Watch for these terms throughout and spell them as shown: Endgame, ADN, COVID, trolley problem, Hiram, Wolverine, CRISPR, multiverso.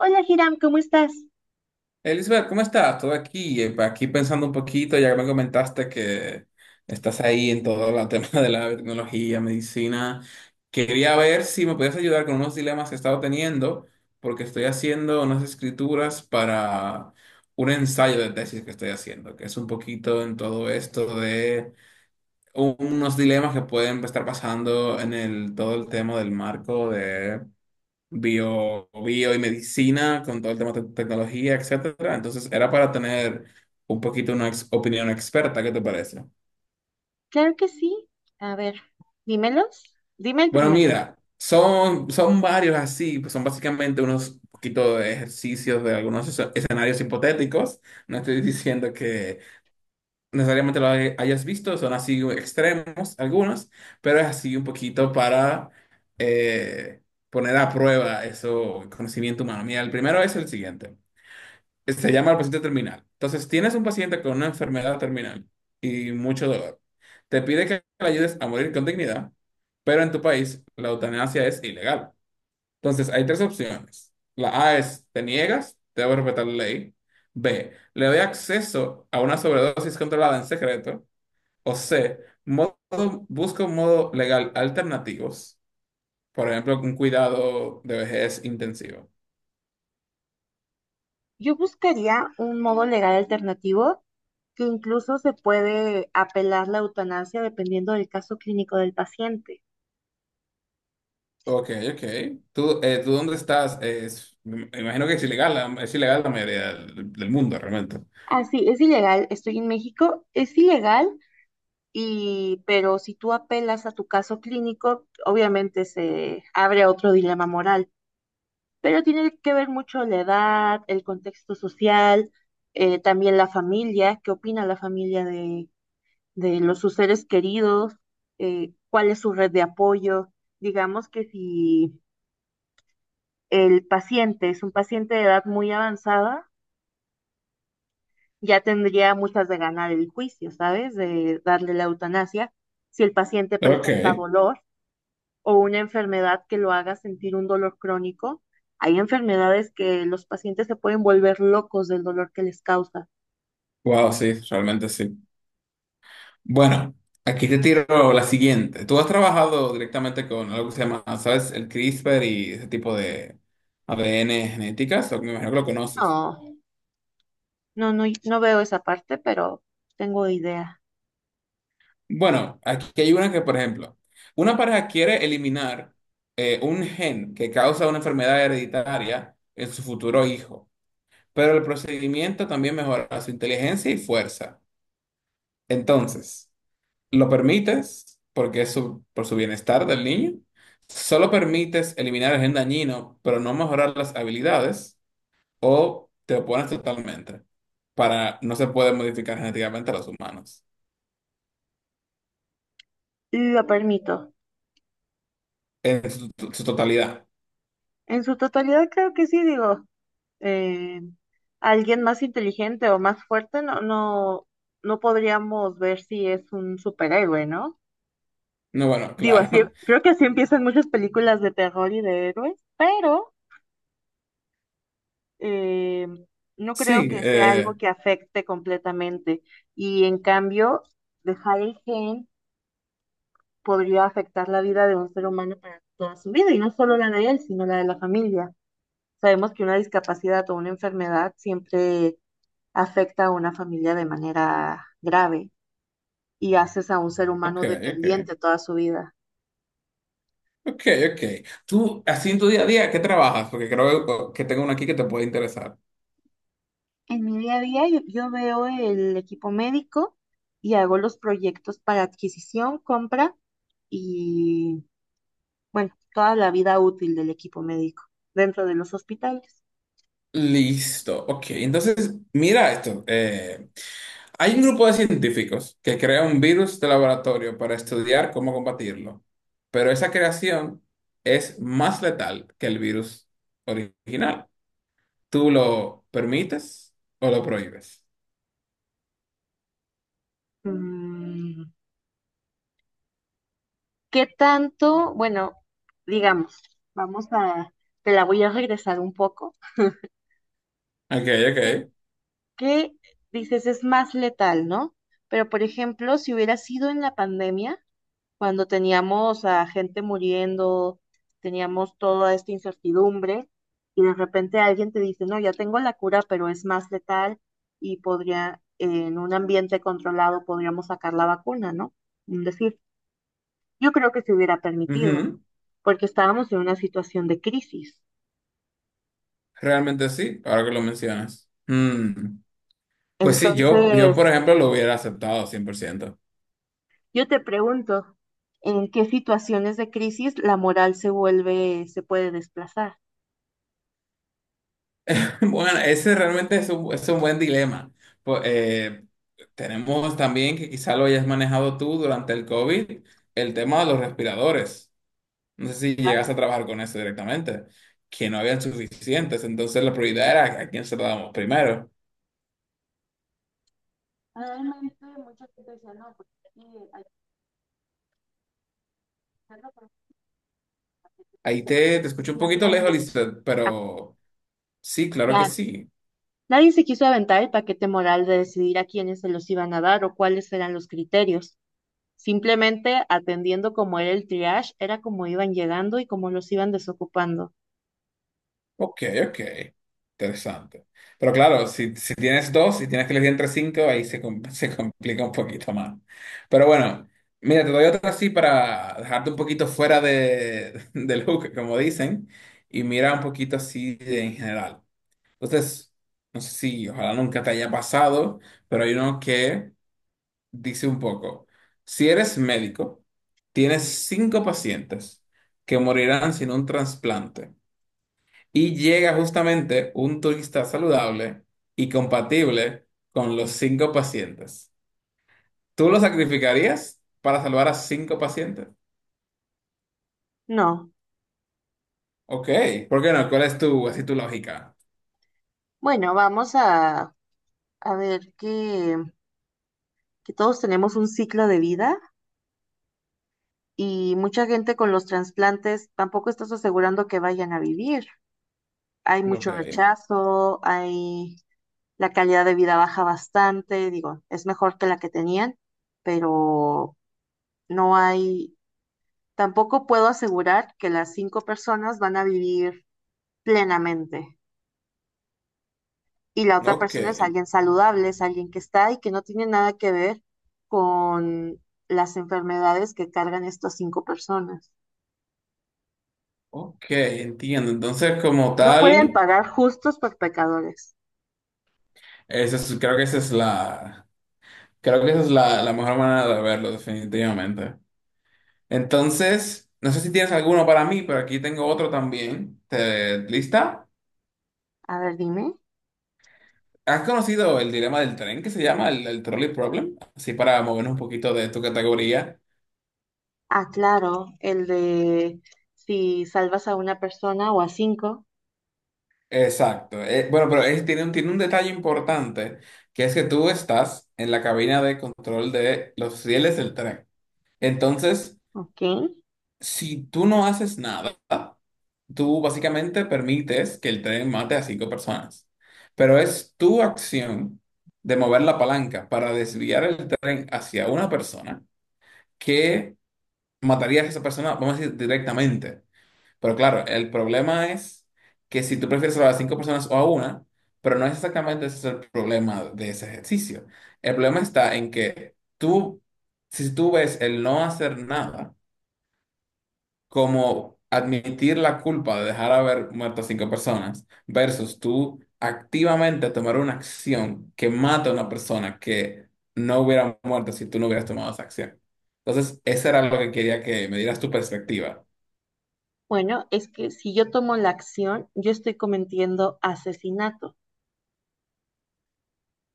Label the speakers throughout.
Speaker 1: Hola, Hiram, ¿cómo estás?
Speaker 2: Elizabeth, ¿cómo estás? Todo aquí, aquí pensando un poquito, ya que me comentaste que estás ahí en todo el tema de la tecnología, medicina. Quería ver si me podías ayudar con unos dilemas que he estado teniendo, porque estoy haciendo unas escrituras para un ensayo de tesis que estoy haciendo, que es un poquito en todo esto de unos dilemas que pueden estar pasando en el, todo el tema del marco bio y medicina, con todo el tema de tecnología, etcétera. Entonces, era para tener un poquito una opinión experta, ¿qué te parece?
Speaker 1: Claro que sí. A ver, dímelos. Dime el
Speaker 2: Bueno,
Speaker 1: primero. Yo,
Speaker 2: mira, son varios así, pues son básicamente unos poquito de ejercicios de algunos escenarios hipotéticos. No estoy diciendo que necesariamente lo hayas visto, son así extremos algunos, pero es así un poquito para eh, poner a prueba eso, conocimiento humano. Mira, el primero es el siguiente. Se llama el paciente terminal. Entonces, tienes un paciente con una enfermedad terminal y mucho dolor. Te pide que le ayudes a morir con dignidad, pero en tu país la eutanasia es ilegal. Entonces, hay tres opciones. La A es, te niegas, debo respetar la ley. B, le doy acceso a una sobredosis controlada en secreto. O C, modo, busca un modo legal alternativos, por ejemplo, un cuidado de vejez intensivo.
Speaker 1: yo buscaría un modo legal alternativo que incluso se puede apelar la eutanasia dependiendo del caso clínico del paciente.
Speaker 2: Ok, ok. ¿Tú dónde estás? Me imagino que es ilegal, es ilegal la mayoría del mundo realmente.
Speaker 1: Ah, sí, es ilegal. Estoy en México. Es ilegal, y, pero si tú apelas a tu caso clínico, obviamente se abre otro dilema moral. Pero tiene que ver mucho la edad, el contexto social, también la familia, qué opina la familia de los sus seres queridos, cuál es su red de apoyo. Digamos que si el paciente es un paciente de edad muy avanzada, ya tendría muchas de ganar el juicio, ¿sabes? De darle la eutanasia. Si el paciente presenta
Speaker 2: Ok.
Speaker 1: dolor, o una enfermedad que lo haga sentir un dolor crónico. Hay enfermedades que los pacientes se pueden volver locos del dolor que les causa.
Speaker 2: Wow, sí, realmente sí. Bueno, aquí te tiro la siguiente. Tú has trabajado directamente con algo que se llama, ¿sabes? El CRISPR y ese tipo de ADN genéticas, o me imagino que lo conoces.
Speaker 1: No, no, no, no veo esa parte, pero tengo idea.
Speaker 2: Bueno, aquí hay una que, por ejemplo, una pareja quiere eliminar un gen que causa una enfermedad hereditaria en su futuro hijo. Pero el procedimiento también mejora su inteligencia y fuerza. Entonces, lo permites porque por su bienestar del niño. Solo permites eliminar el gen dañino, pero no mejorar las habilidades, o te opones totalmente. Para no se puede modificar genéticamente a los humanos
Speaker 1: Lo permito.
Speaker 2: en su totalidad.
Speaker 1: En su totalidad creo que sí, digo, eh, alguien más inteligente o más fuerte no podríamos ver si es un superhéroe, ¿no?
Speaker 2: No, bueno,
Speaker 1: Digo, así,
Speaker 2: claro.
Speaker 1: creo que así empiezan muchas películas de terror y de héroes, pero eh, no creo
Speaker 2: Sí,
Speaker 1: que sea algo que afecte completamente. Y en cambio, dejar el gen podría afectar la vida de un ser humano para toda su vida, y no solo la de él, sino la de la familia. Sabemos que una discapacidad o una enfermedad siempre afecta a una familia de manera grave y haces a un ser
Speaker 2: ok,
Speaker 1: humano
Speaker 2: ok.
Speaker 1: dependiente toda su vida.
Speaker 2: Ok, ok. Tú, así en tu día a día, ¿qué trabajas? Porque creo que tengo una aquí que te puede interesar.
Speaker 1: En mi día a día yo veo el equipo médico y hago los proyectos para adquisición, compra y bueno, toda la vida útil del equipo médico dentro de los hospitales.
Speaker 2: Listo, ok. Entonces, mira esto. Hay un grupo de científicos que crea un virus de laboratorio para estudiar cómo combatirlo, pero esa creación es más letal que el virus original. ¿Tú lo permites o lo prohíbes?
Speaker 1: Mm, ¿Qué tanto? Bueno, digamos, vamos a, te la voy a regresar un poco.
Speaker 2: Ok,
Speaker 1: ¿Qué,
Speaker 2: ok.
Speaker 1: qué dices? Es más letal, ¿no? Pero, por ejemplo, si hubiera sido en la pandemia, cuando teníamos a gente muriendo, teníamos toda esta incertidumbre y de repente alguien te dice, no, ya tengo la cura, pero es más letal y podría, en un ambiente controlado, podríamos sacar la vacuna, ¿no? Es decir, yo creo que se hubiera permitido,
Speaker 2: Ujú.
Speaker 1: porque estábamos en una situación de crisis.
Speaker 2: Realmente sí, ahora que lo mencionas. Pues sí, yo, por
Speaker 1: Entonces,
Speaker 2: ejemplo, lo hubiera aceptado 100%.
Speaker 1: yo te pregunto, ¿en qué situaciones de crisis la moral se vuelve, se puede desplazar?
Speaker 2: Bueno, ese realmente es un buen dilema. Pues, tenemos también que quizá lo hayas manejado tú durante el COVID, el tema de los respiradores. No sé si llegas a
Speaker 1: Claro,
Speaker 2: trabajar con eso directamente, que no habían suficientes, entonces la prioridad era a quién se lo damos primero.
Speaker 1: realmente mucha gente decía, no, porque aquí hay Siempre-
Speaker 2: Ahí te escucho un poquito lejos, Lisbeth,
Speaker 1: Ah,
Speaker 2: pero sí, claro que
Speaker 1: ya.
Speaker 2: sí.
Speaker 1: Nadie se quiso aventar el paquete moral de decidir a quiénes se los iban a dar o cuáles eran los criterios. Simplemente atendiendo cómo era el triage, era como iban llegando y cómo los iban desocupando.
Speaker 2: Ok, ok. Interesante. Pero claro, si tienes dos y tienes que elegir entre cinco, ahí se complica un poquito más. Pero bueno, mira, te doy otra así para dejarte un poquito fuera del hook, como dicen, y mira un poquito así en general. Entonces, no sé si ojalá nunca te haya pasado, pero hay uno que dice un poco, si eres médico, tienes cinco pacientes que morirán sin un trasplante. Y llega justamente un turista saludable y compatible con los cinco pacientes. ¿Tú lo sacrificarías para salvar a cinco pacientes?
Speaker 1: No.
Speaker 2: Ok, ¿por qué no? ¿Cuál es tu, así tu lógica?
Speaker 1: Bueno, a ver que todos tenemos un ciclo de vida y mucha gente con los trasplantes tampoco estás asegurando que vayan a vivir. Hay
Speaker 2: Ok,
Speaker 1: mucho rechazo, hay la calidad de vida baja bastante, digo, es mejor que la que tenían, pero no hay, tampoco puedo asegurar que las cinco personas van a vivir plenamente. Y la otra
Speaker 2: ok,
Speaker 1: persona es alguien saludable, es alguien que está y que no tiene nada que ver con las enfermedades que cargan estas cinco personas.
Speaker 2: ok, entiendo. Entonces, como
Speaker 1: No pueden
Speaker 2: tal,
Speaker 1: pagar justos por pecadores.
Speaker 2: esa es- creo que esa es la, creo que esa es la mejor manera de verlo, definitivamente. Entonces, no sé si tienes alguno para mí, pero aquí tengo otro también. Lista?
Speaker 1: A ver, dime.
Speaker 2: ¿Has conocido el dilema del tren que se llama el trolley problem? Así para movernos un poquito de tu categoría.
Speaker 1: Ah, claro, el de si salvas a una persona o a cinco,
Speaker 2: Exacto. Bueno, pero tiene un detalle importante, que es que tú estás en la cabina de control de los rieles del tren. Entonces,
Speaker 1: ¿ok?
Speaker 2: si tú no haces nada, tú básicamente permites que el tren mate a cinco personas. Pero es tu acción de mover la palanca para desviar el tren hacia una persona que matarías a esa persona, vamos a decir, directamente. Pero claro, el problema es que si tú prefieres salvar a cinco personas o a una, pero no es exactamente ese el problema de ese ejercicio. El problema está en que si tú ves el no hacer nada como admitir la culpa de dejar haber muerto a cinco personas versus tú activamente tomar una acción que mata a una persona que no hubiera muerto si tú no hubieras tomado esa acción. Entonces, eso era lo que quería que me dieras tu perspectiva.
Speaker 1: Bueno, es que si yo tomo la acción, yo estoy cometiendo asesinato.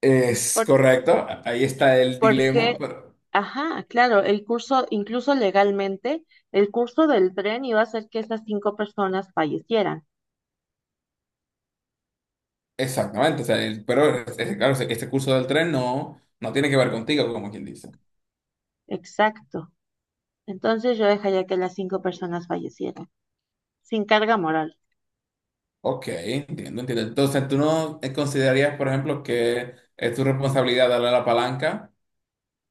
Speaker 2: Es
Speaker 1: Por-
Speaker 2: correcto, ahí está el dilema,
Speaker 1: Porque,
Speaker 2: pero
Speaker 1: ajá, claro, el curso, incluso legalmente, el curso del tren iba a hacer que esas cinco personas fallecieran.
Speaker 2: exactamente, o sea, pero claro, este curso del tren no tiene que ver contigo, como quien dice.
Speaker 1: Exacto. Entonces yo dejaría que las cinco personas fallecieran, sin carga moral.
Speaker 2: Ok, entiendo, entiendo. Entonces, ¿tú no considerarías, por ejemplo, que es tu responsabilidad darle la palanca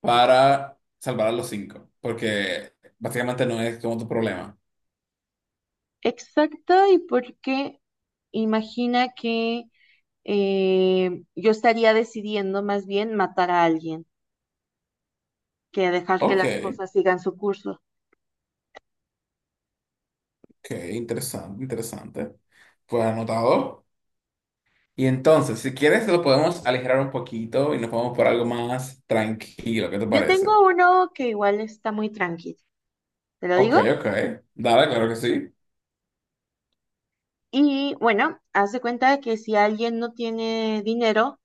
Speaker 2: para salvar a los cinco? Porque básicamente no es como tu problema.
Speaker 1: Exacto, y porque imagina que yo estaría decidiendo más bien matar a alguien que dejar que
Speaker 2: Ok,
Speaker 1: las cosas sigan su curso.
Speaker 2: ok, interesante, interesante. Pues anotado. Y entonces, si quieres, lo podemos aligerar un poquito y nos vamos por algo más tranquilo, ¿qué te
Speaker 1: Yo
Speaker 2: parece?
Speaker 1: tengo uno que igual está muy tranquilo, ¿te lo
Speaker 2: Ok,
Speaker 1: digo?
Speaker 2: ok. Dale, claro que sí.
Speaker 1: Y bueno, haz de cuenta de que si alguien no tiene dinero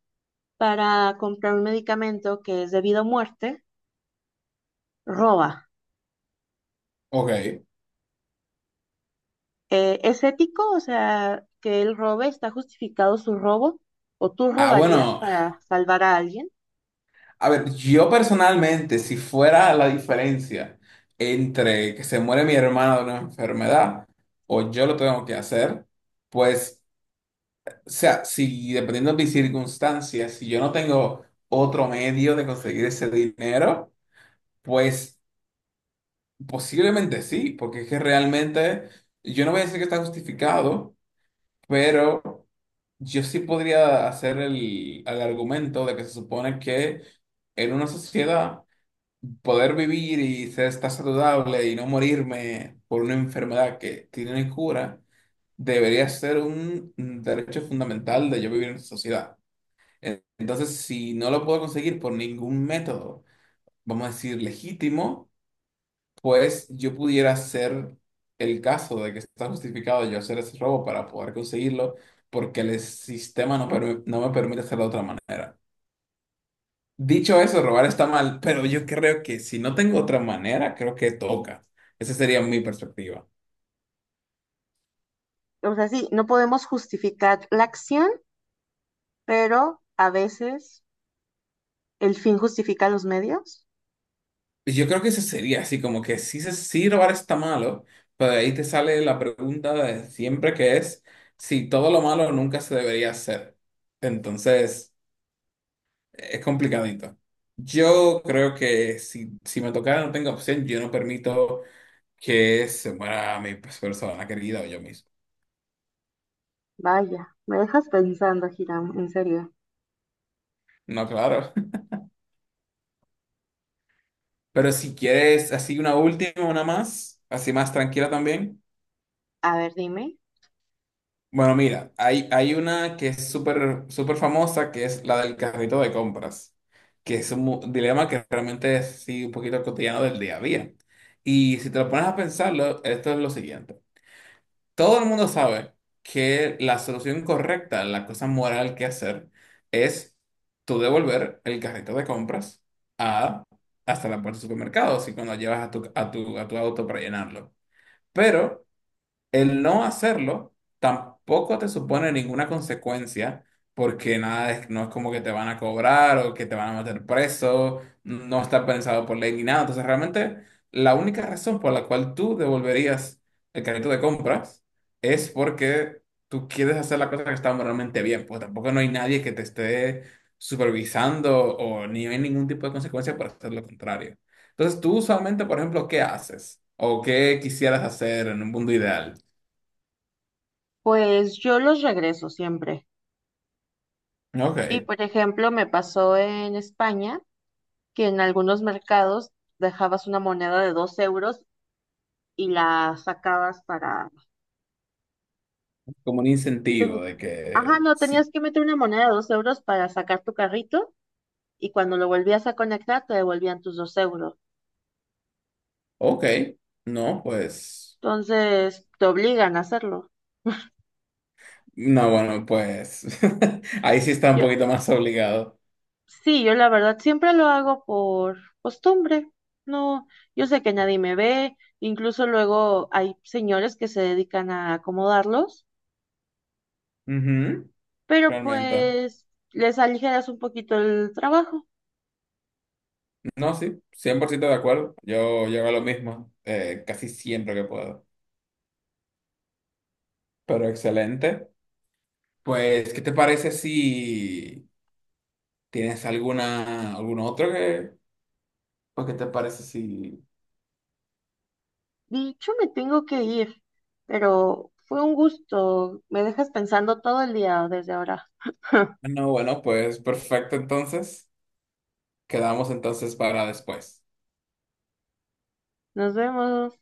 Speaker 1: para comprar un medicamento que es debido a muerte, roba.
Speaker 2: Ok.
Speaker 1: ¿Es ético? O sea, que él robe, ¿está justificado su robo? ¿O tú
Speaker 2: Ah,
Speaker 1: robarías
Speaker 2: bueno,
Speaker 1: para salvar a alguien?
Speaker 2: a ver, yo personalmente, si fuera la diferencia entre que se muere mi hermana de una enfermedad o yo lo tengo que hacer, pues, o sea, si dependiendo de mis circunstancias, si yo no tengo otro medio de conseguir ese dinero, pues posiblemente sí, porque es que realmente, yo no voy a decir que está justificado, pero... Yo sí podría hacer el argumento de que se supone que en una sociedad poder vivir y ser estar saludable y no morirme por una enfermedad que tiene cura debería ser un derecho fundamental de yo vivir en esa sociedad. Entonces, si no lo puedo conseguir por ningún método, vamos a decir legítimo, pues yo pudiera hacer el caso de que está justificado yo hacer ese robo para poder conseguirlo, porque el sistema no me permite hacerlo de otra manera. Dicho eso, robar está mal, pero yo creo que si no tengo otra manera, creo que toca. Esa sería mi perspectiva.
Speaker 1: O sea, sí, no podemos justificar la acción, pero a veces el fin justifica los medios.
Speaker 2: Y yo creo que eso sería así, como que sí, sí robar está malo, pero de ahí te sale la pregunta de siempre que es si todo lo malo nunca se debería hacer. Entonces... Es complicadito. Yo creo que si me tocara no tengo opción, yo no permito que se muera mi pues, persona querida o yo mismo.
Speaker 1: Vaya, me dejas pensando, Hiram, en serio.
Speaker 2: No, claro. Pero si quieres así una última, una más, así más tranquila también.
Speaker 1: A ver, dime.
Speaker 2: Bueno, mira, hay una que es súper súper famosa, que es la del carrito de compras, que es un dilema que realmente es sí, un poquito cotidiano del día a día. Y si te lo pones a pensarlo, esto es lo siguiente. Todo el mundo sabe que la solución correcta, la cosa moral que hacer, es tú devolver el carrito de compras a, hasta la puerta del supermercado, así cuando llevas a tu auto para llenarlo. Pero el no hacerlo tampoco te supone ninguna consecuencia, porque nada es, no es como que te van a cobrar o que te van a meter preso, no está pensado por ley ni nada. Entonces, realmente, la única razón por la cual tú devolverías el carrito de compras es porque tú quieres hacer la cosa que está moralmente bien, pues tampoco no hay nadie que te esté supervisando o ni hay ningún tipo de consecuencia por hacer lo contrario. Entonces, tú usualmente, por ejemplo, ¿qué haces? ¿O qué quisieras hacer en un mundo ideal?
Speaker 1: Pues yo los regreso siempre.
Speaker 2: Ok,
Speaker 1: Y por ejemplo, me pasó en España que en algunos mercados dejabas una moneda de 2 euros y la sacabas para...
Speaker 2: como un incentivo
Speaker 1: teni-
Speaker 2: de
Speaker 1: Ajá,
Speaker 2: que
Speaker 1: no,
Speaker 2: sí.
Speaker 1: tenías que meter una moneda de dos euros para sacar tu carrito y cuando lo volvías a conectar te devolvían tus 2 euros.
Speaker 2: Ok, no, pues.
Speaker 1: Entonces, te obligan a hacerlo.
Speaker 2: No, bueno, pues. Ahí sí está un
Speaker 1: Yo,
Speaker 2: poquito más obligado.
Speaker 1: sí, yo la verdad siempre lo hago por costumbre. No, yo sé que nadie me ve, incluso luego hay señores que se dedican a acomodarlos,
Speaker 2: Ujú.
Speaker 1: pero
Speaker 2: Realmente.
Speaker 1: pues les aligeras un poquito el trabajo.
Speaker 2: No, sí, 100% de acuerdo. Yo hago lo mismo casi siempre que puedo. Pero excelente. Pues, ¿qué te parece si tienes alguna, algún otro que. Pues, ¿qué te parece si.
Speaker 1: Dicho, me tengo que ir, pero fue un gusto. Me dejas pensando todo el día desde ahora.
Speaker 2: No, bueno, pues perfecto, entonces. Quedamos entonces para después.
Speaker 1: Nos vemos.